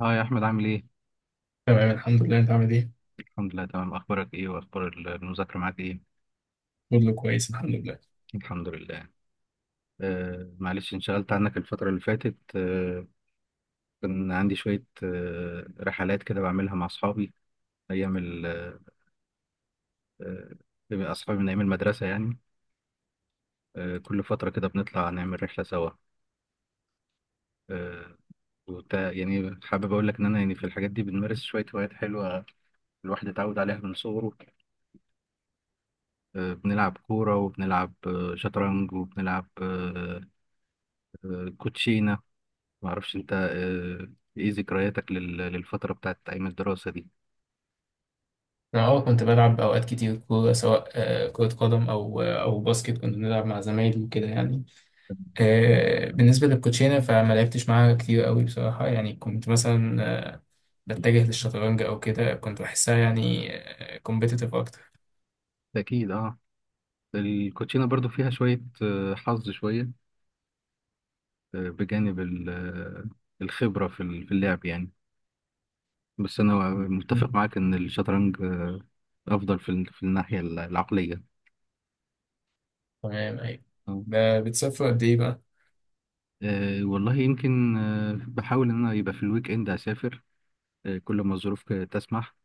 اه يا احمد، عامل ايه؟ تمام، الحمد لله. انت عامل ايه؟ الحمد لله تمام. اخبارك ايه واخبار المذاكره معاك ايه؟ كله كويس، الحمد لله. الحمد لله. معلش، انشغلت عنك الفتره اللي فاتت. كان عندي شويه رحلات كده بعملها مع اصحابي ايام ال آه آه، اصحابي من ايام المدرسه يعني. كل فتره كده بنطلع نعمل رحله سوا. آه يعني حابب اقول لك ان انا يعني في الحاجات دي بنمارس شويه هوايات حلوه، الواحد اتعود عليها من صغره. بنلعب كوره، وبنلعب شطرنج، وبنلعب كوتشينه. ما اعرفش انت ايه ذكرياتك للفتره بتاعت ايام الدراسه دي؟ انا كنت بلعب اوقات كتير كورة، سواء كرة قدم، او باسكت. كنت بنلعب مع زمايلي وكده يعني. بالنسبة للكوتشينة، فما لعبتش معاها كتير قوي بصراحة. يعني كنت مثلا بتجه للشطرنج او كده. كنت بحسها يعني كومبيتيتيف اكتر. اكيد اه، الكوتشينه برضو فيها شويه حظ شويه، بجانب الخبره في في اللعب يعني. بس انا مم. متفق معاك ان الشطرنج افضل في في الناحيه العقليه. تمام، ايوه. آه. بتسافر قد ايه بقى؟ والله يمكن، بحاول ان انا يبقى في الويك اند اسافر، كل ما الظروف تسمح.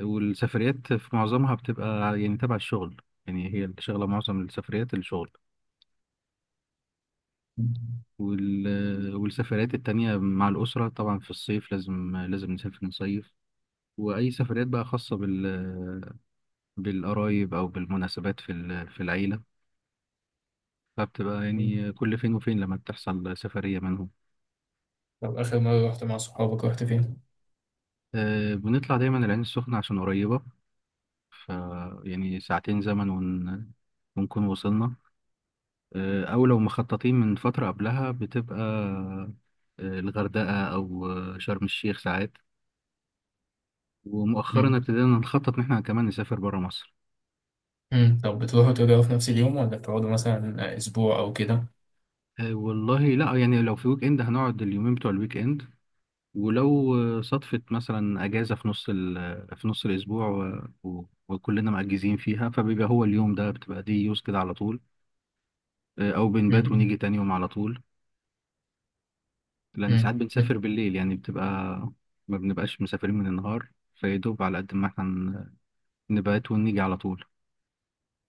والسفريات في معظمها بتبقى يعني تبع الشغل، يعني هي شغلة معظم السفريات الشغل. مم. والسفريات التانية مع الأسرة، طبعا في الصيف لازم نسافر نصيف. وأي سفريات بقى خاصة بالقرايب أو بالمناسبات في العيلة، فبتبقى مم. يعني كل فين وفين لما بتحصل سفرية منهم. طب، اخر مرة رحت مع صحابك، رحت فين؟ أه، بنطلع دايما العين السخنة عشان قريبة، ف يعني ساعتين زمن ونكون وصلنا. او لو مخططين من فترة قبلها بتبقى الغردقة او شرم الشيخ ساعات. ومؤخرا مم. ابتدينا نخطط ان احنا كمان نسافر برا مصر. مم. طب، بتروحوا ترجعوا في نفس اليوم، ولا بتقعدوا مثلا اسبوع او كده؟ والله لا، يعني لو في ويك اند هنقعد اليومين بتوع الويك اند، ولو صدفت مثلا اجازة في نص ال- آه، في نص الاسبوع وكلنا مأجزين فيها، فبيبقى هو اليوم ده، بتبقى دي يوز كده على طول. او بنبات ونيجي تاني يوم على طول، لان ساعات مم. بنسافر مم. بالليل، يعني بتبقى ما بنبقاش مسافرين من النهار، فيدوب على قد ما احنا نبات ونيجي على طول.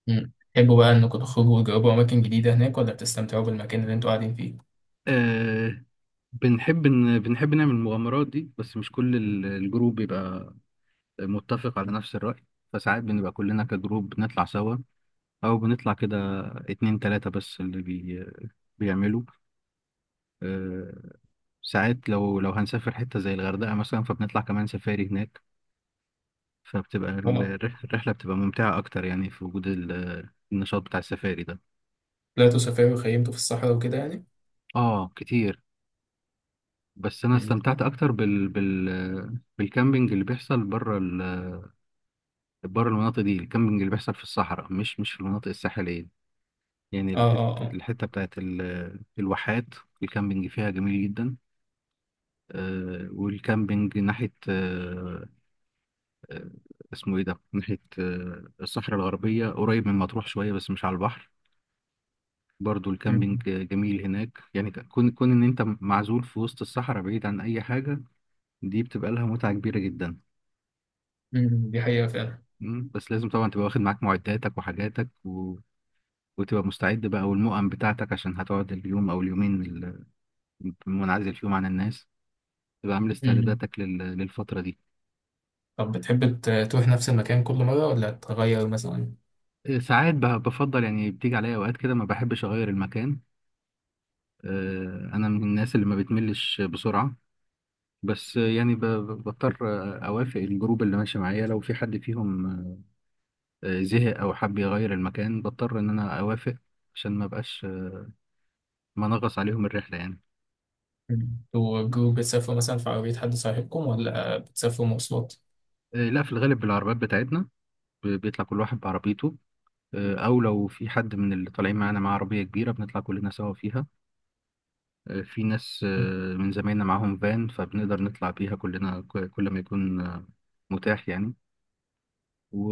مم. تحبوا بقى انكم تخرجوا وتجربوا اماكن جديدة هناك، ولا بتستمتعوا بالمكان اللي انتوا قاعدين فيه؟ آه، بنحب نعمل المغامرات دي، بس مش كل الجروب بيبقى متفق على نفس الرأي، فساعات بنبقى كلنا كجروب بنطلع سوا، أو بنطلع كده اتنين تلاتة بس اللي بيعملوا. آه، ساعات لو هنسافر حتة زي الغردقة مثلا فبنطلع كمان سفاري هناك، فبتبقى اه، الرحلة بتبقى ممتعة أكتر، يعني في وجود النشاط بتاع السفاري ده. طلعتوا سفاري وخيمتوا في الصحراء وكده يعني؟ آه كتير. بس انا مم. استمتعت اكتر بالكامبينج اللي بيحصل بره المناطق دي، الكامبينج اللي بيحصل في الصحراء، مش في المناطق الساحليه. يعني اه، اه، الحته اه. الحته بتاعت الواحات، الكامبينج فيها جميل جدا. والكامبينج ناحيه آه، اسمه ايه ده، ناحيه الصحراء الغربيه، قريب من مطروح شويه بس مش على البحر، برضو الكامبينج مم. جميل هناك. يعني كون ان انت معزول في وسط الصحراء بعيد عن اي حاجه، دي بتبقى لها متعه كبيره جدا. مم. دي حقيقة فعلا. مم، بس لازم طبعا تبقى واخد معاك معداتك وحاجاتك و... وتبقى مستعد بقى، والمؤن بتاعتك، عشان هتقعد اليوم او اليومين منعزل فيهم عن الناس، تبقى عامل مم. استعداداتك للفترة دي. طب، بتحب تروح نفس المكان كل مرة، ولا تغير مثلا؟ إيه، ساعات بفضل، يعني بتيجي عليا اوقات كده ما بحبش اغير المكان، انا من الناس اللي ما بتملش بسرعة. بس يعني بضطر، اوافق الجروب اللي ماشي معايا، لو في حد فيهم زهق او حب يغير المكان بضطر ان انا اوافق، عشان ما بقاش منغص عليهم الرحلة يعني. مم. انتوا جروب بتسافروا مثلا في عربية حد صاحبكم، ولا بتسافروا مواصلات؟ لا، في الغالب بالعربيات بتاعتنا، بيطلع كل واحد بعربيته، او لو في حد من اللي طالعين معانا معاه عربيه كبيره بنطلع كلنا سوا فيها. في ناس مم. من زمايلنا معاهم فان، فبنقدر نطلع بيها كلنا كل ما يكون متاح يعني. و...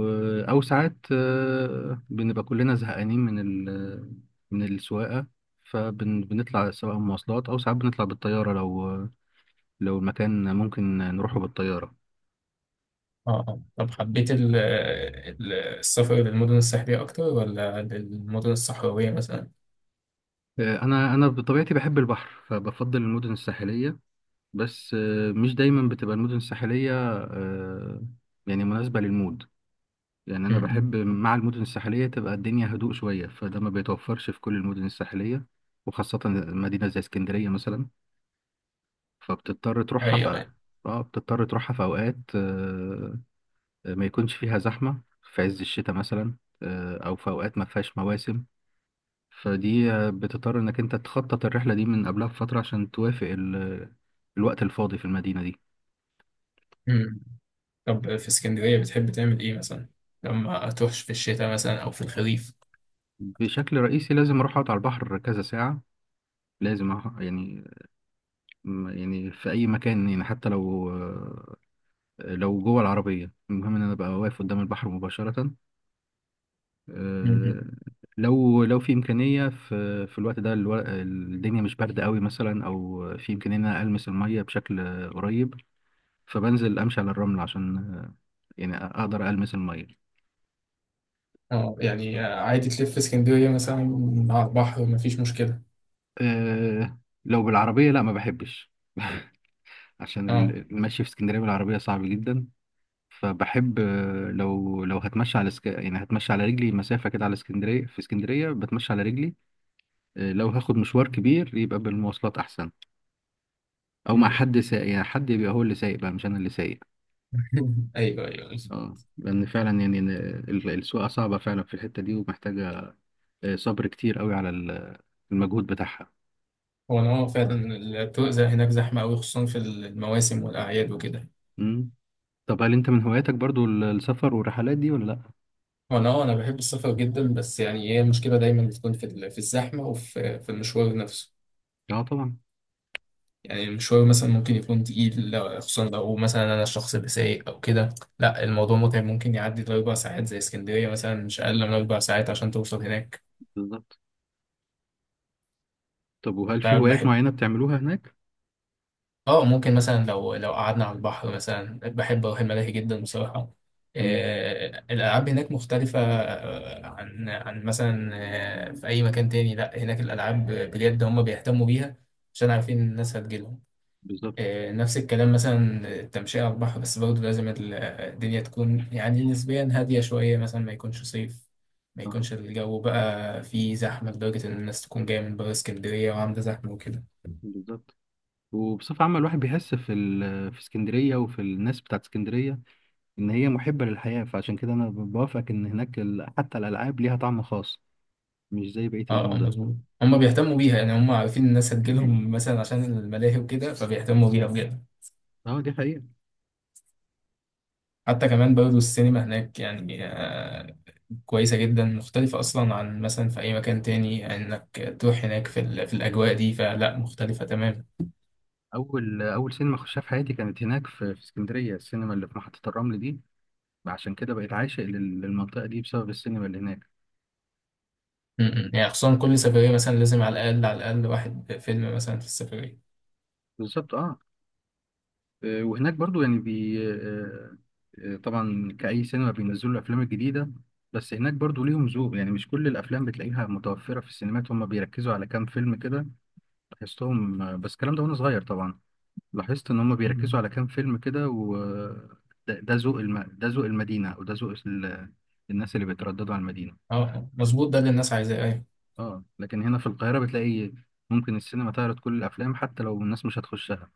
او ساعات بنبقى كلنا زهقانين ال... من السواقه، فبنطلع سواء مواصلات، او ساعات بنطلع بالطياره لو المكان ممكن نروحه بالطياره. اه، اه، طب، حبيت السفر للمدن الساحلية أكتر، ولا للمدن الصحراوية مثلا؟ انا بطبيعتي بحب البحر فبفضل المدن الساحليه، بس مش دايما بتبقى المدن الساحلية آه، يعني مناسبة للمود. يعني مم. أنا مم. بحب مع المدن الساحلية تبقى الدنيا هدوء شوية، فده ما بيتوفرش في كل المدن الساحلية، وخاصة مدينة زي اسكندرية مثلا، فبتضطر دي تروحها حقيقة في... يعني. اه، بتضطر تروحها في أوقات ما يكونش فيها زحمة، في عز الشتاء مثلا، أو في أوقات ما فيهاش مواسم. فدي بتضطر إنك أنت تخطط الرحلة دي من قبلها بفترة عشان توافق الوقت الفاضي في المدينة دي. مم. طب، في اسكندرية بتحب تعمل إيه مثلا؟ لما تروحش في الشتاء مثلا، أو في الخريف؟ بشكل رئيسي لازم اروح اقعد على البحر كذا ساعة، لازم يعني يعني في اي مكان، يعني حتى لو لو جوه العربية، المهم ان انا ابقى واقف قدام البحر مباشرة. مم. آه، لو في امكانية في الوقت ده الدنيا مش باردة قوي مثلا، او في امكانية ان انا المس المية بشكل قريب، فبنزل امشي على الرمل عشان يعني اقدر المس المية. اه، يعني عادي تلف في اسكندرية مثلا على البحر، مفيش مشكلة. آه، لو بالعربية لا ما بحبش عشان اه. المشي في اسكندرية بالعربية صعب جدا. فبحب لو يعني هتمشى على رجلي مسافة كده على اسكندرية، في اسكندرية بتمشى على رجلي. لو هاخد مشوار كبير يبقى بالمواصلات أحسن، أو مع مم. حد سايق، يعني حد يبقى هو اللي سايق بقى، مش أنا اللي سايق. أيوه، أيوه، اه، بالظبط. لأن فعلا يعني إن السواقة صعبة فعلا في الحتة دي، ومحتاجة صبر كتير قوي على المجهود بتاعها. هو أنا فعلا. الطرق زي هناك زحمة أوي، خصوصا في المواسم والأعياد وكده. مم. طب هل أنت من هواياتك برضو السفر والرحلات دي ولا لأ؟ هو أنا بحب السفر جدا، بس يعني هي المشكلة دايما بتكون في الزحمة، وفي المشوار نفسه. اه طبعا. يعني المشوار مثلا ممكن يكون تقيل، خصوصا لو مثلا انا الشخص اللي سايق او كده. لا، الموضوع متعب، ممكن يعدي لـ4 ساعات زي اسكندريه مثلا. مش اقل من 4 ساعات عشان توصل هناك. بالظبط. طب وهل في هوايات فبحب، معينة بتعملوها هناك؟ اه ممكن مثلا لو قعدنا على البحر مثلا بحب اروح الملاهي جدا بصراحه. مم. الالعاب هناك مختلفه، عن مثلا في اي مكان تاني. لا، هناك الالعاب بجد هم بيهتموا بيها عشان عارفين الناس هتجيلهم. بالظبط نفس الكلام مثلا التمشية على البحر، بس برضه لازم الدنيا تكون يعني نسبيا هادية شوية، مثلا ما يكونش صيف. ما اه. يكونش الجو بقى فيه زحمة لدرجة إن الناس تكون جاية من بره اسكندرية وعاملة زحمة وكده. بالظبط. وبصفة عامة الواحد بيحس في اسكندرية وفي الناس بتاعت اسكندرية، إن هي محبة للحياة، فعشان كده أنا بوافقك إن هناك ال... حتى الألعاب ليها طعم خاص، مش زي بقية اه، المدن. مظبوط. هما بيهتموا بيها، يعني هما عارفين الناس هتجيلهم مثلا عشان الملاهي وكده فبيهتموا بيها بجد. اه، دي حقيقة. حتى كمان برضه السينما هناك يعني كويسة جدا، مختلفة أصلا عن مثلا في أي مكان تاني. يعني إنك تروح هناك في الأجواء دي فلا مختلفة تماما. أول سينما خشها في حياتي كانت هناك في اسكندرية، السينما اللي في محطة الرمل دي، عشان كده بقيت عاشق للمنطقة دي بسبب السينما اللي هناك. يعني خصوصا كل سفرية مثلا لازم على الأقل، على الأقل واحد فيلم مثلا في السفرية. بالظبط اه. وهناك برضو يعني بي آه، آه، طبعا كأي سينما بينزلوا الأفلام الجديدة، بس هناك برضو ليهم ذوق، يعني مش كل الأفلام بتلاقيها متوفرة في السينمات، هم بيركزوا على كام فيلم كده لاحظتهم، بس الكلام ده وأنا صغير طبعا. لاحظت إن هم مم. بيركزوا على كام فيلم كده، و ده ذوق المدينة، أو ده ذوق الناس اللي بيترددوا على المدينة. اه، مظبوط ده اللي الناس عايزاه، أيوة. اه لكن هنا في القاهرة بتلاقي ممكن السينما تعرض كل الأفلام حتى لو الناس مش هتخشها،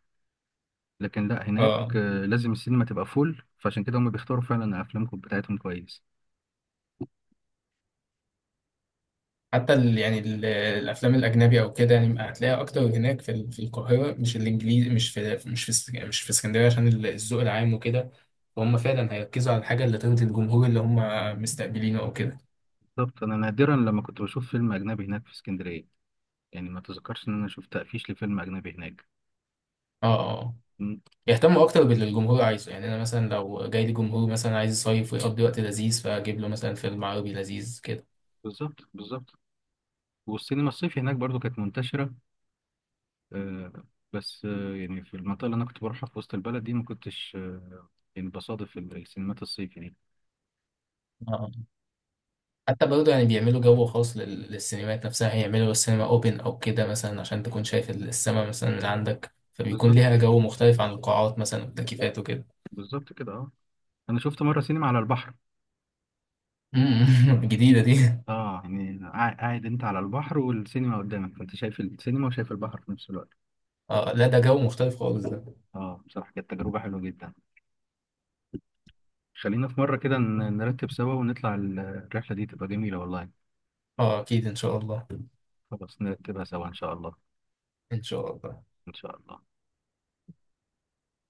لكن لا هناك اه، لازم السينما تبقى فول، فعشان كده هم بيختاروا فعلا افلامكم بتاعتهم كويس. حتى ال يعني ال الأفلام الأجنبي أو كده يعني هتلاقيها أكتر هناك في القاهرة. مش الإنجليزي، مش في اسكندرية، عشان الذوق العام وكده. فهم فعلا هيركزوا على الحاجة اللي ترضي الجمهور اللي هم مستقبلينه أو كده. بالظبط، انا نادرا لما كنت بشوف فيلم اجنبي هناك في اسكندريه، يعني ما تذكرش ان انا شفت تقفيش لفيلم اجنبي هناك. اه، اه، اه. مم، يهتموا أكتر باللي الجمهور عايزه. يعني أنا مثلا لو جاي لي جمهور مثلا عايز يصيف ويقضي وقت لذيذ، فأجيب له مثلا فيلم عربي لذيذ كده. بالظبط بالظبط. والسينما الصيفي هناك برضو كانت منتشره، آه، بس يعني في المنطقه اللي انا كنت بروحها في وسط البلد دي ما كنتش يعني بصادف السينمات الصيفي دي. حتى برضه يعني بيعملوا جو خاص للسينمات نفسها، هيعملوا السينما اوبن او كده مثلا، عشان تكون شايف السما مثلا من عندك، فبيكون بالظبط، ليها جو مختلف عن القاعات مثلا والتكييفات وكده. بالظبط كده اه. انا شفت مره سينما على البحر، جديدة دي. اه يعني قاعد انت على البحر والسينما قدامك، فانت شايف السينما وشايف البحر في نفس الوقت. اه، لا ده جو مختلف خالص ده. اه بصراحة كانت تجربة حلوة جدا. خلينا في مرة كده نرتب سوا ونطلع الرحلة دي تبقى جميلة والله. اه، اكيد ان شاء الله. خلاص نرتبها سوا ان شاء الله. ان شاء الله. ان شاء الله.